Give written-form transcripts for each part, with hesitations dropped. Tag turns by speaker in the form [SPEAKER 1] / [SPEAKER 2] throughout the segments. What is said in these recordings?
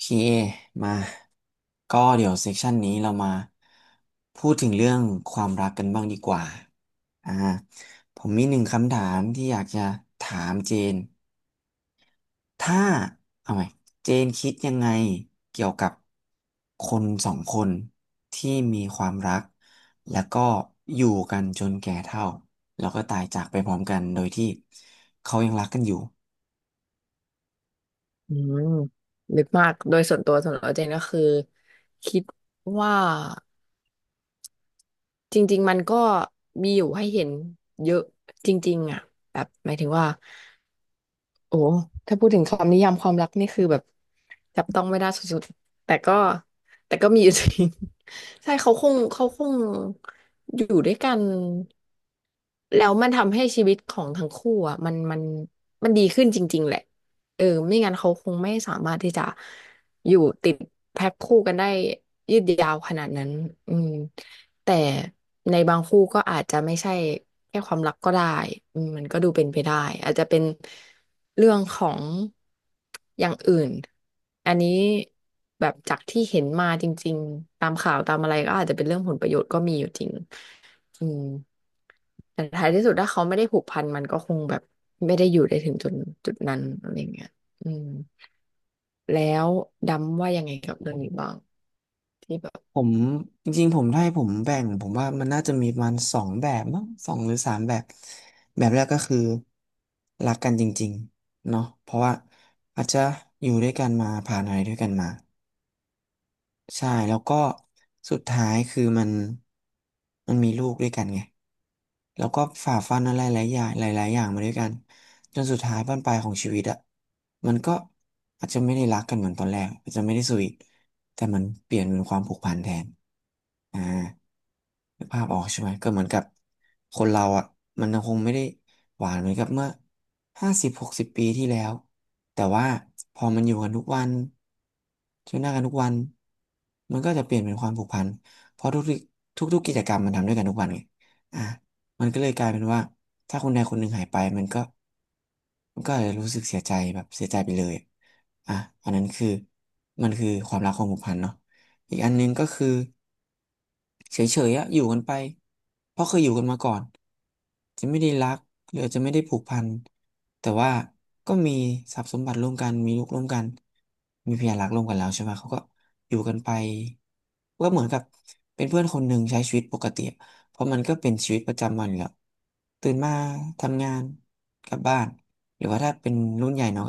[SPEAKER 1] พีเอมาก็เดี๋ยวเซกชันนี้เรามาพูดถึงเรื่องความรักกันบ้างดีกว่าอ่าผมมีหนึ่งคำถามที่อยากจะถามเจนถ้าเอาใหม่เจนคิดยังไงเกี่ยวกับคนสองคนที่มีความรักแล้วก็อยู่กันจนแก่เฒ่าแล้วก็ตายจากไปพร้อมกันโดยที่เขายังรักกันอยู่
[SPEAKER 2] อืมลึกมากโดยส่วนตัวเจนก็คือคิดว่าจริงๆมันก็มีอยู่ให้เห็นเยอะจริงๆอ่ะแบบหมายถึงว่าโอ้ถ้าพูดถึงคำนิยามความรักนี่คือแบบ จับต้องไม่ได้สุดๆ แต่ก็มีอยู่จริง ใช่เขาคงอยู่ด้วยกันแล้วมันทำให้ชีวิตของทั้งคู่อ่ะมันมันดีขึ้นจริงๆแหละเออไม่งั้นเขาคงไม่สามารถที่จะอยู่ติดแพ็คคู่กันได้ยืดยาวขนาดนั้นอืม แต่ในบางคู่ก็อาจจะไม่ใช่แค่ความรักก็ได้มันก็ดูเป็นไปได้อาจจะเป็นเรื่องของอย่างอื่นอันนี้แบบจากที่เห็นมาจริงๆตามข่าวตามอะไรก็อาจจะเป็นเรื่องผลประโยชน์ก็มีอยู่จริงอืมแต่ท้ายที่สุดถ้าเขาไม่ได้ผูกพันมันก็คงแบบไม่ได้อยู่ได้ถึงจุดนั้นอะไรเงี้ยอืมแล้วดำว่ายังไงกับเรื่องนี้บ้างที่แบบ
[SPEAKER 1] ผมจริงๆผมถ้าให้ผมแบ่งผมว่ามันน่าจะมีประมาณสองแบบมั้งสองหรือสามแบบแบบแรกก็คือรักกันจริงๆเนาะเพราะว่าอาจจะอยู่ด้วยกันมาผ่านอะไรด้วยกันมา ใช่แล้วก็สุดท้ายคือมันมีลูกด้วยกันไงแล้วก็ฝ่าฟันอะไรหลายอย่างหลายๆอย่างมาด้วยกันจนสุดท้ายบั้นปลายของชีวิตอะมันก็อาจจะไม่ได้รักกันเหมือนตอนแรกอาจจะไม่ได้สวีทแต่มันเปลี่ยนเป็นความผูกพันแทนอ่านึกภาพออกใช่ไหมก็เหมือนกับคนเราอะมันยังคงไม่ได้หวานเหมือนกับเมื่อ50-60 ปีที่แล้ว แต่ว่าพอมันอยู่กันทุกวันเจอหน้ากันทุกวันมันก็จะเปลี่ยนเป็นความผูกพันเพราะทุกๆกิจกรรมมันทำด้วยกันทุกวันไงอ่ะมันก็เลยกลายเป็นว่าถ้าคนใดคนหนึ่งหายไปมันก็อาจจะรู้สึกเสียใจแบบเสียใจไปเลยอ่ะอันนั้นคือมันคือความรักความผูกพันเนาะอีกอันหนึงก็คือ เฉยๆอะอยู่กันไปเพราะเคยอยู่กันมาก่อนจะไม่ได้รักหรือจะไม่ได้ผูกพันแต่ว่าก็มีทรัพย์สมบัติร่วมกันมีลูกร่วมกันมีพยานรักร่วมกันแล้วใช่ไหมเขาก็อยู่กันไปก็เหมือนกับเป็นเพื่อนคนหนึ่งใช้ชีวิตปกติอะเพราะมันก็เป็นชีวิตประจำวันอยู่แล้วตื่นมาทำงานกลับบ้านหรือว่าถ้าเป็นรุ่นใหญ่เนาะ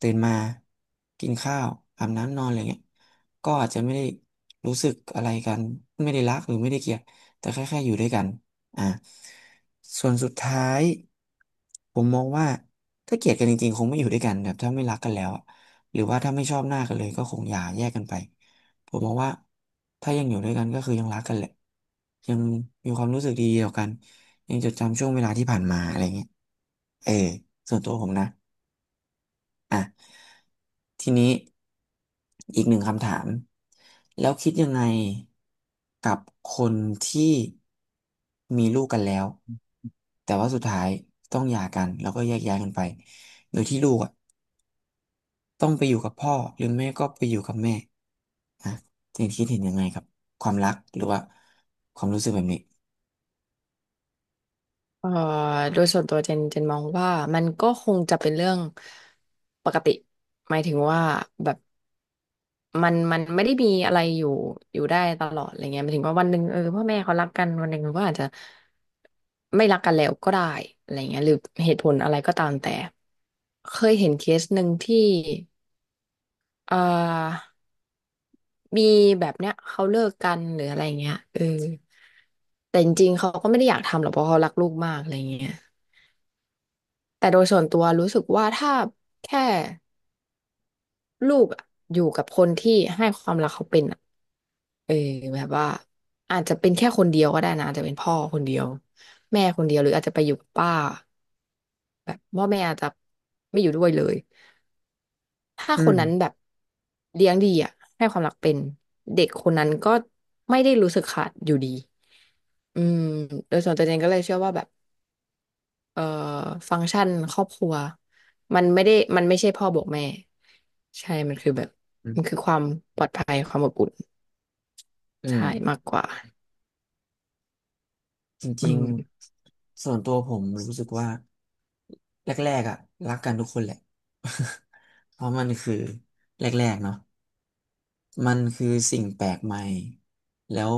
[SPEAKER 1] ตื่นมากินข้าวอาบน้ำนอนอะไรเงี้ยก็อาจจะไม่ได้รู้สึกอะไรกันไม่ได้รักหรือไม่ได้เกลียดแต่แค่อยู่ด้วยกันอ่าส่วนสุดท้ายผมมองว่าถ้าเกลียดกันจริงๆคงไม่อยู่ด้วยกันแบบถ้าไม่รักกันแล้วอะหรือว่าถ้าไม่ชอบหน้ากันเลยก็คงอย่าแยกกันไปผมมองว่าถ้ายังอยู่ด้วยกันก็คือยังรักกันแหละยังมีความรู้สึกดีๆต่อกันยังจดจำช่วงเวลาที่ผ่านมาอะไรเงี้ยเออส่วนตัวผมนะอ่ะ ทีนี้อีกหนึ่งคำถามแล้วคิดยังไงกับคนที่มีลูกกันแล้วแต่ว่าสุดท้ายต้องหย่ากันแล้วก็แยกย้ายกันไปโดยที่ลูกอะต้องไปอยู่กับพ่อหรือแม่ก็ไปอยู่กับแม่ฮะเจนคิดเห็นยังไงกับความรักหรือว่าความรู้สึกแบบนี้
[SPEAKER 2] เอ่อโดยส่วนตัวเจนมองว่ามันก็คงจะเป็นเรื่องปกติหมายถึงว่าแบบมันไม่ได้มีอะไรอยู่ได้ตลอดอะไรเงี้ยหมายถึงว่าวันหนึ่งเออพ่อแม่เขารักกันวันหนึ่งก็อาจจะไม่รักกันแล้วก็ได้อะไรเงี้ยหรือเหตุผลอะไรก็ตามแต่เคยเห็นเคสหนึ่งที่เอ่อมีแบบเนี้ยเขาเลิกกันหรืออะไรเงี้ยเออแต่จริงๆเขาก็ไม่ได้อยากทำหรอกเพราะเขารักลูกมากอะไรเงี้ย แต่โดยส่วนตัวรู้สึกว่าถ้าแค่ลูกอะอยู่กับคนที่ให้ความรักเขาเป็นอะเออแบบว่าอาจจะเป็นแค่คนเดียวก็ได้นะอาจจะเป็นพ่อคนเดียวแม่คนเดียวหรืออาจจะไปอยู่กับป้าแบบพ่อแม่อาจจะไม่อยู่ด้วยเลยถ้า
[SPEAKER 1] อื
[SPEAKER 2] คน
[SPEAKER 1] ม
[SPEAKER 2] นั้นแบบเลี้ยงดีอ่ะให้ความรักเป็นเด็กคนนั้นก็ไม่ได้รู้สึกขาดอยู่ดีอืมโดยส่วนตัวเองก็เลยเชื่อว่าแบบ เอ่อฟังก์ชันครอบครัวมันไม่ใช่พ่อบอกแม่ใช่มันคือแบบมันคือความปลอดภัยความอบอุ่น
[SPEAKER 1] อื
[SPEAKER 2] ใช่มา
[SPEAKER 1] ม
[SPEAKER 2] กกว่า
[SPEAKER 1] จ
[SPEAKER 2] อื
[SPEAKER 1] ริง
[SPEAKER 2] ม
[SPEAKER 1] ๆส่วนตัวผมรู้สึกว่าแรกๆอ่ะรักกันทุกคนแหละ เพราะมันคือแรกๆเนาะมันคือสิ่งแปลกใหม่แล้ว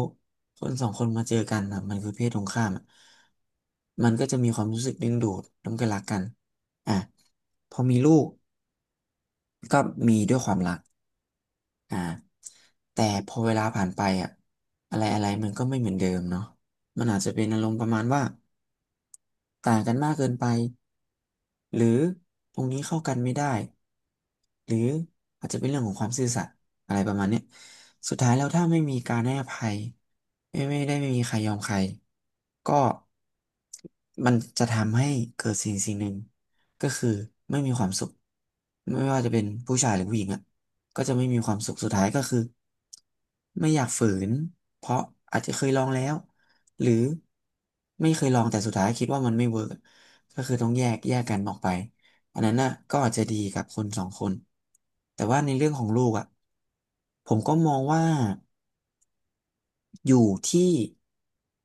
[SPEAKER 1] คนสองคนมาเจอกันอะมันคือเพศตรงข้ามอะมันก็จะมีความรู้สึกดึงดูดแล้วมันก็รักกันอ่ะพอมีลูกก็มีด้วยความรักอ่าแต่พอเวลาผ่านไปอ่ะอะไรอะไรมันก็ไม่เหมือนเดิมเนาะมันอาจจะเป็นอารมณ์ประมาณว่าต่างกันมากเกินไป หรือตรงนี้เข้ากันไม่ได้หรืออาจจะเป็นเรื่องของความซื่อสัตย์อะไรประมาณเนี้ยสุดท้ายแล้วถ้าไม่มีการให้อภัยไม่มีใครยอมใครก็มันจะทำให้เกิดสิ่งหนึ่งก็คือไม่มีความสุขไม่ว่าจะเป็นผู้ชายหรือผู้หญิงอ่ะก็จะไม่มีความสุขสุดท้ายก็คือไม่อยากฝืนเพราะอาจจะเคยลองแล้วหรือไม่เคยลองแต่สุดท้ายคิดว่ามันไม่เวิร์ก ก็คือต้องแยกกันออกไปอันนั้นน่ะก็อาจจะดีกับคนสองคนแต่ว่าในเรื่องของลูกอ่ะผมก็มองว่า อยู่ที่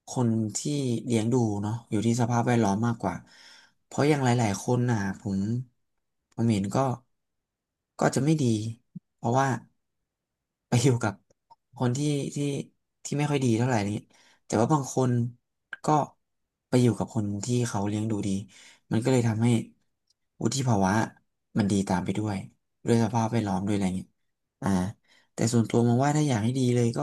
[SPEAKER 1] คนที่เลี้ยงดูเนาะอยู่ที่สภาพแวดล้อมมากกว่าเพราะอย่างหลายๆคนน่ะผมเห็นก็จะไม่ดีเพราะว่าไปอยู่กับคนที่ที่ไม่ค่อยดีเท่าไหร่นี้แต่ว่าบางคนก็ไปอยู่กับคนที่เขาเลี้ยงดูดีมันก็เลยทำให้วุฒิภาวะมันดีตามไปด้วยด้วยสภาพแวดล้อมด้วยอะไรเงี้ยอ่า แต่ส่วนตัวมองว่าถ้าอยากให้ดีเลยก็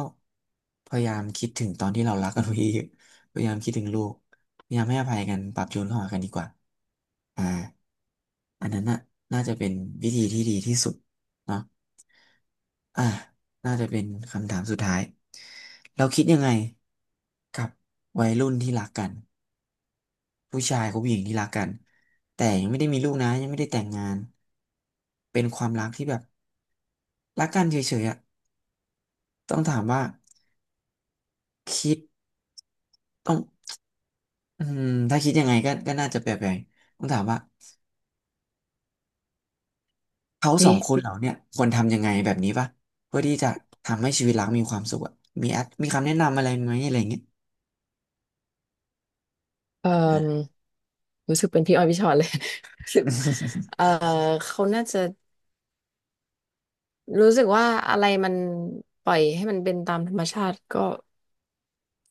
[SPEAKER 1] พยายามคิดถึงตอนที่เรารักกันไว้เยอะ ๆพยายามคิดถึงลูกพยายามให้อภัยกันปรับจูนเข้าหากันดีกว่าอ่าอันนั้นน่ะน่าจะเป็นวิธีที่ดีที่สุดเนาะอ่าน่าจะเป็นคำถามสุดท้ายเราคิดยังไงกับวัยรุ่นที่รักกันผู้ชายกับผู้หญิงที่รักกันแต่ยังไม่ได้มีลูกนะยังไม่ได้แต่งงานเป็นความรักที่แบบรักกันเฉยๆอ่ะต้องถามว่าคิดต้อง อืมถ้าคิดยังไงก็น่าจะแปลกๆต้องถามว่าเขาสองคน
[SPEAKER 2] นี่
[SPEAKER 1] เหล่าเนี่ยควรทำยังไงแบบนี้ปะเพื่อที่จะทำให้ชีวิตรักมีความสุขอะมีแอดมีคำแนะนำอะไรไหมอะไรอย่างเงี้ย
[SPEAKER 2] เอ่
[SPEAKER 1] อ่า
[SPEAKER 2] อรู้สึกเป็นพี่ออยพี่ชอนเลย รู้สึกเอ่อ เขาน่าจะรู้สึกว่าอะไรมันปล่อยให้มันเป็นตามธรรมชาติก็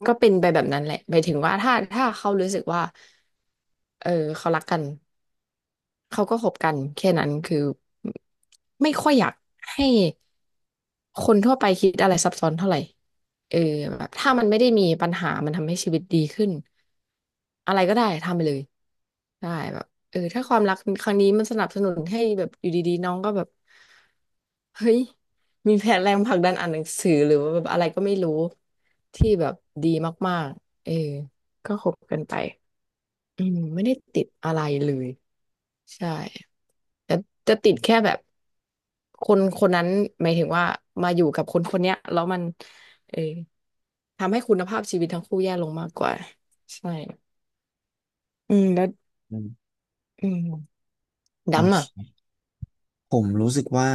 [SPEAKER 2] ก็เป็นไปแบบนั้นแหละหมายถึงว่าถ้าเขารู้สึกว่าเออเขารักกัน เขาก็คบกันแค่นั้นคือไม่ค่อยอยากให้คนทั่วไปคิดอะไรซับซ้อนเท่าไหร่เออแบบถ้ามันไม่ได้มีปัญหามันทำให้ชีวิตดีขึ้นอะไรก็ได้ทำไปเลยได้แบบเออถ้าความรักครั้งนี้มันสนับสนุนให้แบบอยู่ดีๆน้องก็แบบเฮ้ยมีแผนแรงผลักดันอ่านหนังสือหรือว่าแบบอะไรก็ไม่รู้ที่แบบดีมากๆเออก็คบกันไปอืมไม่ได้ติดอะไรเลยใช่ แต่จะติดแค่แบบคนคนนั้นหมายถึงว่ามาอยู่กับคนคนเนี้ยแล้วมันเออทำให้คุณภาพชีวิตทั้งคู่แย่ลงมากกว่าใช่อืมแล้ว
[SPEAKER 1] อืม
[SPEAKER 2] อืม
[SPEAKER 1] โอ
[SPEAKER 2] ดำอ่ะ
[SPEAKER 1] เคผมรู้สึกว่า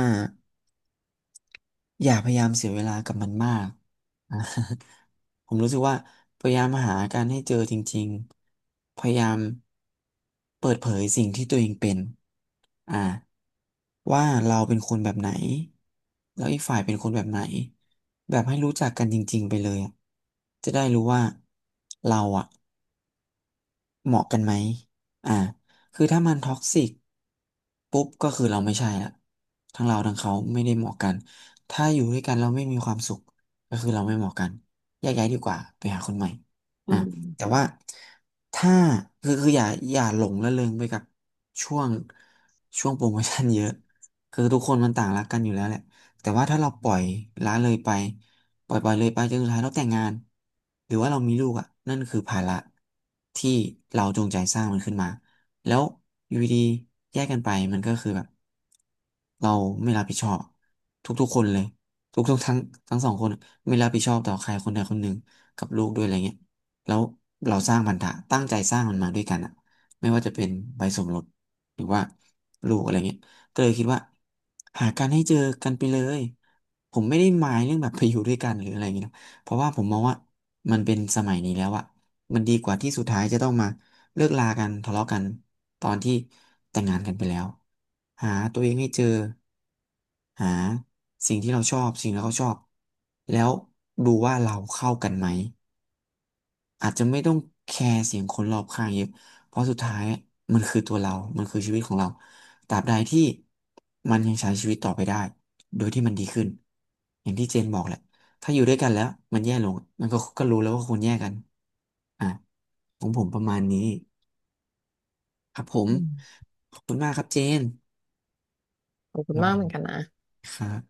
[SPEAKER 1] อย่าพยายามเสียเวลากับมันมาก อ่ะ ผมรู้สึกว่าพยายามหาการให้เจอจริงๆพยายามเปิดเผยสิ่งที่ตัวเองเป็นอ่าว่าเราเป็นคนแบบไหนแล้วอีกฝ่ายเป็นคนแบบไหนแบบให้รู้จักกันจริงๆไปเลยอะจะได้รู้ว่าเราอ่ะ เหมาะกันไหมอ่าคือถ้ามันท็อกซิกปุ๊บก็คือเราไม่ใช่ละทั้งเราทั้งเขาไม่ได้เหมาะกัน ถ้าอยู่ด้วยกันเราไม่มีความสุขก็คือเราไม่เหมาะกันแยกย้ายดีกว่าไปหาคนใหม่
[SPEAKER 2] อื
[SPEAKER 1] อ่าแต่
[SPEAKER 2] ม
[SPEAKER 1] ว่าถ้าคืออย่าหลงระเริงไปกับช่วง ช่วงโปรโมชั่นเยอะ คือทุกคนมันต่างรักกันอยู่แล้วแหละแต่ว่าถ้าเราปล่อยละเลยไป ปล่อยเลยไปจนสุดท้ายเราแต่งงานหรือว่าเรามีลูกอ่ะนั่นคือภาระที่เราจงใจสร้างมันขึ้นมาแล้วอยู่ดีๆแยกกันไปมันก็คือแบบเราไม่รับผิดชอบทุกๆคนเลยทุกๆทั้งสองคนไม่รับผิดชอบต่อใครคนใดคนหนึ่งกับลูกด้วยอะไรเงี้ยแล้วเราสร้างพันธะตั้งใจสร้างมันมาด้วยกันอ่ะไม่ว่าจะเป็นใบสมรสหรือว่าลูกอะไรเงี้ย ก็เลยคิดว่าหากันให้เจอกันไปเลยผมไม่ได้หมายเรื่องแบบไปอยู่ด้วยกันหรืออะไรอย่างเงี้ยนะเพราะว่าผมมองว่ามันเป็นสมัยนี้แล้วอะมันดีกว่าที่สุดท้ายจะต้องมาเลิกลากันทะเลาะกันตอนที่แต่งงานกันไปแล้วหาตัวเองให้เจอหาสิ่งที่เราชอบสิ่งที่เราชอบแล้วดูว่าเราเข้ากันไหม อาจจะไม่ต้องแคร์เสียงคนรอบข้างเยอะเพราะสุดท้ายมันคือตัวเรา มันคือชีวิตของเราตราบใดที่มันยังใช้ชีวิตต่อไปได้ โดยที่มันดีขึ้นอย่างที่เจนบอกแหละถ้าอยู่ด้วยกันแล้วมันแย่ลงมันก็รู้แล้วว่าควรแยกกันอ่ะของผมประมาณนี้ครับผม
[SPEAKER 2] อืม
[SPEAKER 1] ขอบคุณมากครับเจน
[SPEAKER 2] ขอบคุ
[SPEAKER 1] ป
[SPEAKER 2] ณ
[SPEAKER 1] ระ
[SPEAKER 2] มา
[SPEAKER 1] มา
[SPEAKER 2] ก
[SPEAKER 1] ณ
[SPEAKER 2] เหมือน
[SPEAKER 1] นี้
[SPEAKER 2] กันนะ
[SPEAKER 1] ครับ